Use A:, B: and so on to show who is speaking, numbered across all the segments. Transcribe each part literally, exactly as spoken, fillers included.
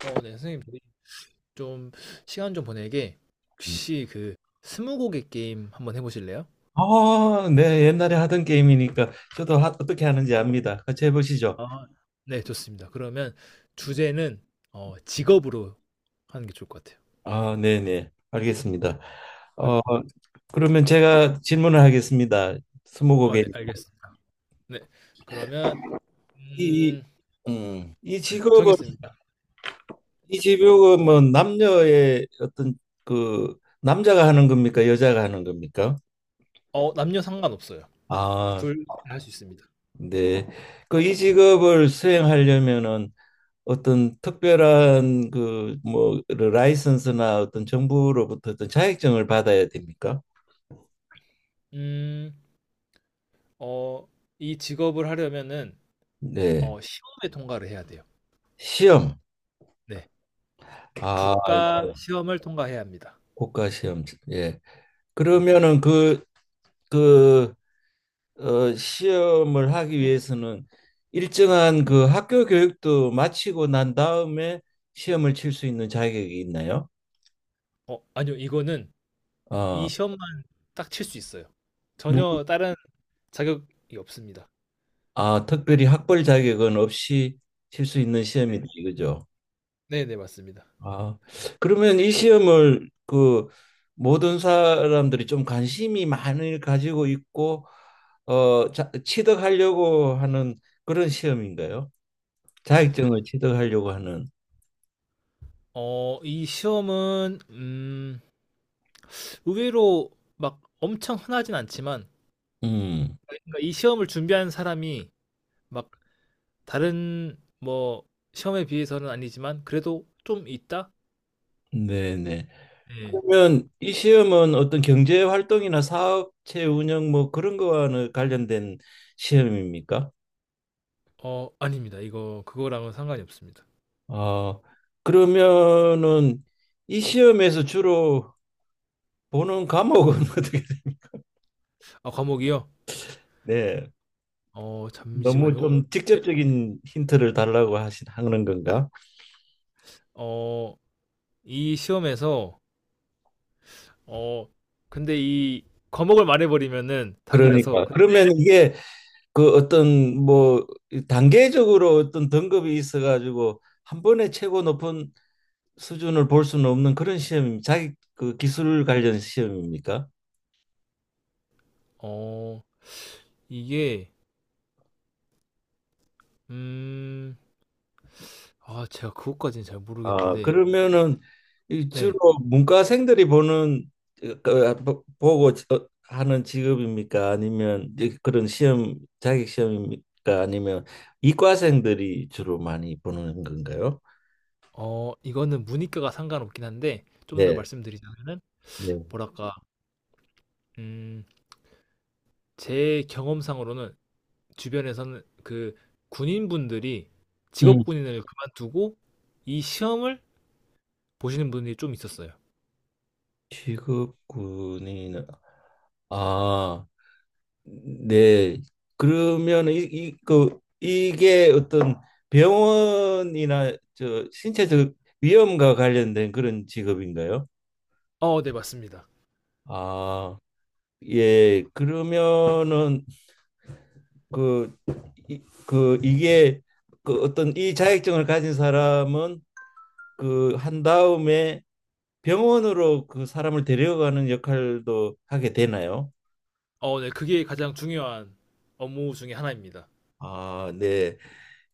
A: 어, 네, 선생님, 저희 좀 시간 좀 보내게 혹시 그 스무고개 게임 한번 해보실래요?
B: 아, 네, 옛날에 하던 게임이니까 저도 하, 어떻게 하는지 압니다. 같이 해보시죠.
A: 아, 네, 좋습니다. 그러면 주제는 어, 직업으로 하는 게 좋을 것 같아요.
B: 아, 네, 네, 알겠습니다.
A: 그럼-
B: 어, 그러면 제가 질문을 하겠습니다.
A: 어,
B: 스무고개.
A: 네, 알겠습니다. 네, 그러면
B: 이,
A: 음,
B: 음, 이
A: 네,
B: 직업은
A: 정했습니다.
B: 이 직업은 뭐 남녀의 어떤 그 남자가 하는 겁니까? 여자가 하는 겁니까?
A: 어, 남녀 상관없어요.
B: 아,
A: 둘 다 할 수 있습니다.
B: 네. 그 이 직업을 수행하려면은 어떤 특별한 그 뭐 라이선스나 어떤 정부로부터 어떤 자격증을 받아야 됩니까?
A: 음, 어, 이 직업을 하려면은
B: 네.
A: 어, 시험에 통과를 해야 돼요.
B: 시험.
A: 네,
B: 아,
A: 국가 시험을 통과해야 합니다.
B: 국가 시험. 예.
A: 네,
B: 그러면은 그 그 어, 시험을 하기 위해서는 일정한 그 학교 교육도 마치고 난 다음에 시험을 칠 수 있는 자격이 있나요?
A: 어, 아니요, 이거는 이
B: 어,
A: 시험만 딱 칠 수 있어요.
B: 누구,
A: 전혀 다른 자격이 없습니다.
B: 아, 특별히 학벌 자격은 없이 칠 수 있는 시험이다
A: 네.
B: 이거죠.
A: 네, 네, 맞습니다.
B: 아, 그러면 이 시험을 그 모든 사람들이 좀 관심이 많이 가지고 있고 어, 자, 취득하려고 하는 그런 시험인가요? 자격증을 취득하려고 하는.
A: 어, 이 시험은 음, 의외로 막 엄청 흔하진 않지만
B: 음,
A: 그러니까 이 시험을 준비한 사람이 막 다른 뭐 시험에 비해서는 아니지만 그래도 좀 있다?
B: 네네.
A: 네.
B: 그러면 이 시험은 어떤 경제 활동이나 사업체 운영 뭐 그런 거와는 관련된 시험입니까?
A: 어, 아닙니다. 이거 그거랑은 상관이 없습니다.
B: 어, 그러면은 이 시험에서 주로 보는 과목은 어떻게, 돼?
A: 아, 과목이요?
B: 네.
A: 어,
B: 너무
A: 잠시만요.
B: 좀
A: 제,
B: 직접적인 힌트를 달라고 하시, 하는 건가?
A: 어, 이 시험에서 어, 근데 이 과목을 말해버리면은 답이
B: 그러니까
A: 나서, 근-
B: 그러면 이게 그 어떤 뭐 단계적으로 어떤 등급이 있어가지고 한 번에 최고 높은 수준을 볼 수는 없는 그런 시험입니다. 자기 그 기술 관련 시험입니까?
A: 어, 이게, 음, 아, 제가 그것까지는 잘
B: 아,
A: 모르겠는데,
B: 그러면은 이 주로
A: 네,
B: 문과생들이 보는 그, 보- 보고 어, 하는 직업입니까? 아니면 이제 그런 시험 자격 시험입니까? 아니면 이과생들이 주로 많이 보는 건가요?
A: 어, 이거는 문이과가 상관없긴 한데, 좀 더
B: 네,
A: 말씀드리자면은,
B: 네.
A: 뭐랄까, 음, 제 경험상으로는 주변에서는 그 군인분들이
B: 음.
A: 직업 군인을 그만두고 이 시험을 보시는 분들이 좀 있었어요.
B: 직업군인 아, 네. 그러면 이, 이, 그, 이게 어떤 병원이나 저 신체적 위험과 관련된 그런 직업인가요?
A: 어, 네, 맞습니다.
B: 아, 예, 그러면은 그, 이, 그 이게 그 어떤 이 자격증을 가진 사람은 그 한 다음에 병원으로 그 사람을 데려가는 역할도 하게 되나요?
A: 어, 네, 그게 가장 중요한 업무 중에 하나입니다.
B: 아, 네.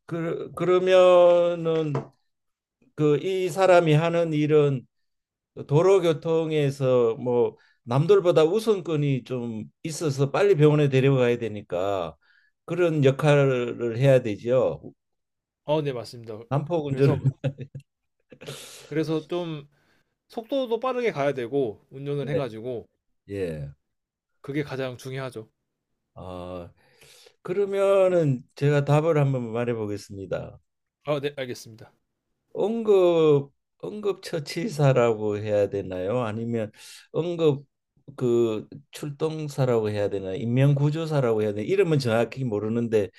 B: 그, 그러면은 그 이 사람이 하는 일은 도로교통에서 뭐 남들보다 우선권이 좀 있어서 빨리 병원에 데려가야 되니까 그런 역할을 해야 되죠.
A: 어 네 맞습니다. 그래서
B: 난폭운전을
A: 그래서 좀 속도도 빠르게 가야 되고 운전을 해
B: 네.
A: 가지고
B: 예.
A: 그게 가장 중요하죠.
B: 아, 그러면은 제가 답을 한번 말해 보겠습니다.
A: 아 네 알겠습니다.
B: 응급 응급처치사라고 해야 되나요? 아니면 응급 그 출동사라고 해야 되나? 인명구조사라고 해야 되나? 이름은 정확히 모르는데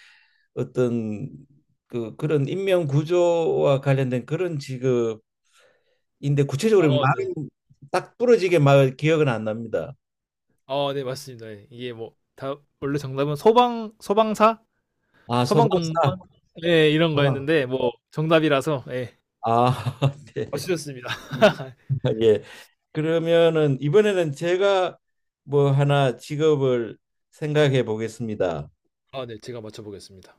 B: 어떤 그 그런 인명구조와 관련된 그런 직업인데
A: 아
B: 구체적으로
A: 네.
B: 말이 딱 부러지게 막 기억은 안 납니다.
A: 아 네 맞습니다. 예. 이게 뭐 다 원래 정답은 소방 소방사,
B: 아, 소방사.
A: 소방공무원 예 이런
B: 소방.
A: 거였는데 뭐 정답이라서 예.
B: 아, 네.
A: 맞추셨습니다.
B: 예. 그러면은 이번에는 제가 뭐 하나 직업을 생각해 보겠습니다.
A: 아 네 제가 맞춰 보겠습니다.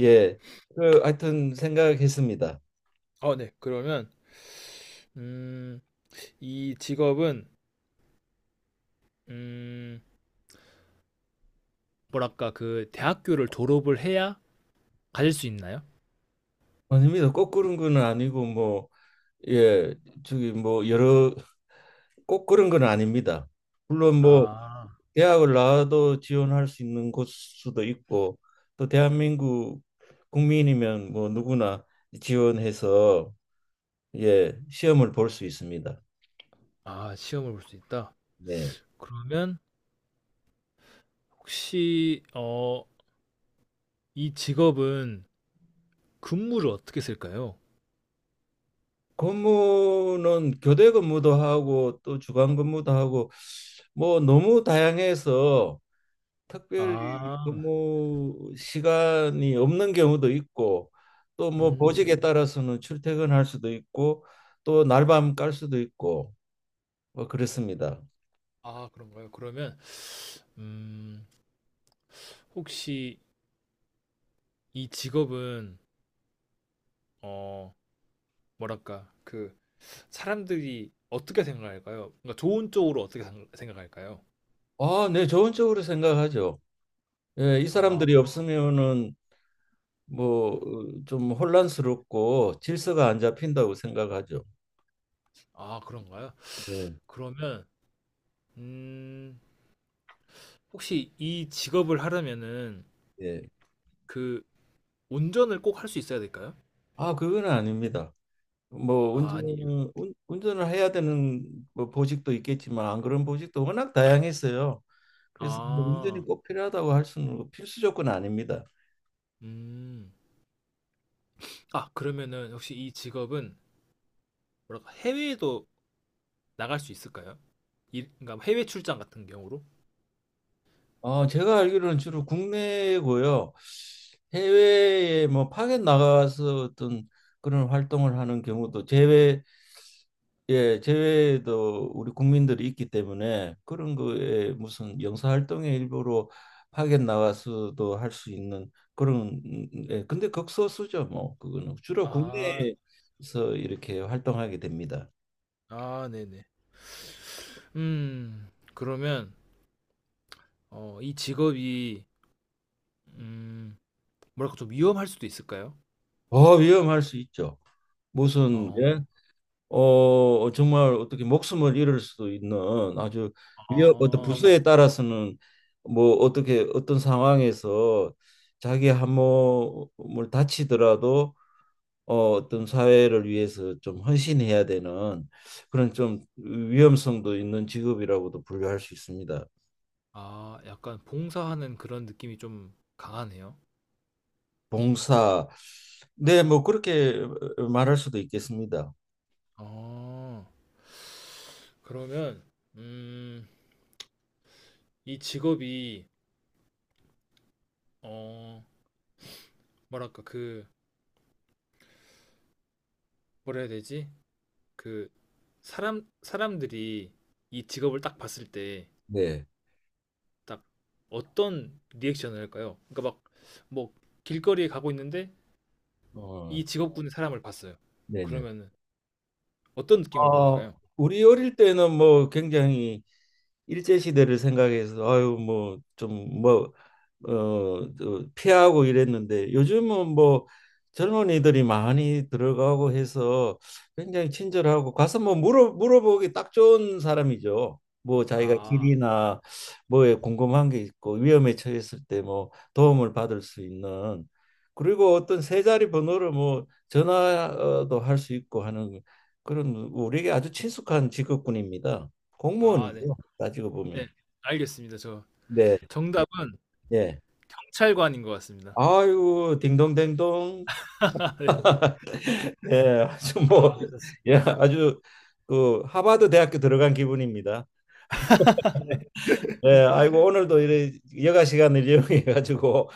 B: 예. 그 하여튼 생각했습니다.
A: 아 네. 그러면 음 이 직업은 음 뭐랄까 그 대학교를 졸업을 해야 가질 수 있나요?
B: 아닙니다. 꼭 그런 건 아니고 뭐 예, 저기 뭐 여러 꼭 그런 건 아닙니다. 물론 뭐
A: 아.
B: 대학을 나와도 지원할 수 있는 곳 수도 있고 또 대한민국 국민이면 뭐 누구나 지원해서 예, 시험을 볼 수 있습니다.
A: 아, 시험을 볼 수 있다.
B: 네.
A: 그러면 혹시 어, 이 직업은 근무를 어떻게 쓸까요?
B: 근무는 교대 근무도 하고 또 주간 근무도 하고 뭐 너무 다양해서 특별히
A: 아,
B: 근무 시간이 없는 경우도 있고 또 뭐
A: 음,
B: 보직에 따라서는 출퇴근할 수도 있고 또 날밤 깔 수도 있고 뭐 그렇습니다.
A: 아, 그런가요? 그러면 음, 혹시 이 직업은 어, 뭐랄까 그 사람들이 어떻게 생각할까요? 그러니까 좋은 쪽으로 어떻게 상- 생각할까요?
B: 아, 네, 좋은 쪽으로 생각하죠. 예, 이
A: 아,
B: 사람들이 없으면은 뭐 좀 혼란스럽고 질서가 안 잡힌다고 생각하죠.
A: 아, 그런가요?
B: 네.
A: 그러면 음, 혹시 이 직업을 하려면은
B: 예.
A: 그 운전을 꼭 할 수 있어야 될까요?
B: 아, 그건 아닙니다. 뭐 운전
A: 아,
B: 운- 운전을 해야 되는 뭐 보직도 있겠지만 안 그런 보직도 워낙 다양했어요. 그래서 뭐 운전이
A: 아.
B: 꼭 필요하다고 할 수는 없고 필수 조건 아닙니다.
A: 음. 아, 그러면은 혹시 이 직업은 뭐랄까 해외에도 나갈 수 있을까요? 일, 그러니까 해외 출장 같은 경우로?
B: 어, 제가 알기로는 주로 국내고요. 해외에 뭐 파견 나가서 어떤 그런 활동을 하는 경우도 제외 예, 제외도 우리 국민들이 있기 때문에 그런 거에 무슨 영사활동의 일부로 파견 나와서도 할 수 있는 그런 음, 예, 근데 극소수죠 뭐 그거는 주로
A: 아,
B: 국내에서 이렇게 활동하게 됩니다.
A: 아, 네네. 음, 그러면 어, 이 직업이 음, 뭐랄까 좀 위험할 수도 있을까요?
B: 어 위험할 수 있죠. 무슨 예?
A: 어,
B: 어 정말 어떻게 목숨을 잃을 수도 있는 아주 위험 어떤
A: 아,
B: 부서에 따라서는 뭐 어떻게 어떤 상황에서 자기 한몸을 다치더라도 어, 어떤 사회를 위해서 좀 헌신해야 되는 그런 좀 위험성도 있는 직업이라고도 분류할 수 있습니다.
A: 아, 약간 봉사하는 그런 느낌이 좀 강하네요.
B: 봉사. 네, 뭐 그렇게 어, 말할 수도 있겠습니다.
A: 어, 그러면 음, 이 직업이 어, 뭐랄까 그 뭐라 해야 되지? 그 사람 사람들이 이 직업을 딱 봤을 때
B: 네.
A: 딱 어떤 리액션을 할까요? 그러니까 막 뭐 길거리에 가고 있는데
B: 어,
A: 이 직업군의 사람을 봤어요.
B: 네네.
A: 그러면은 어떤 느낌을
B: 어,
A: 받을까요?
B: 우리 어릴 때는 뭐 굉장히 일제 시대를 생각해서 아유 뭐 좀 뭐 어 피하고 이랬는데 요즘은 뭐 젊은이들이 많이 들어가고 해서 굉장히 친절하고 가서 뭐 물어 물어보기 딱 좋은 사람이죠. 뭐 자기가
A: 아,
B: 길이나 뭐에 궁금한 게 있고 위험에 처했을 때 뭐 도움을 받을 수 있는 그리고 어떤 세 자리 번호를 뭐 전화도 할 수 있고 하는 그런 우리에게 아주 친숙한 직업군입니다.
A: 아, 네.
B: 공무원이죠. 따지고 보면.
A: 네. 알겠습니다. 저
B: 네,
A: 정답은
B: 예.
A: 경찰관인 것 같습니다.
B: 아유, 딩동댕동.
A: 아, 네.
B: 네, 아주 뭐,
A: 아, 습니
B: 예, 아주 그 하버드 대학교 들어간 기분입니다. 네, 아이고 오늘도 이래 여가 시간을 이용해 가지고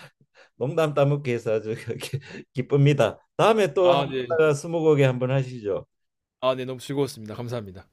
B: 농담 따먹기 해서 아주 기- 기쁩니다. 다음에
A: 다
B: 또
A: 아,
B: 한번
A: 네.
B: 나가 스무고개 한번 하시죠.
A: 아, 네. 너무 즐거웠습니다. 감사합니다.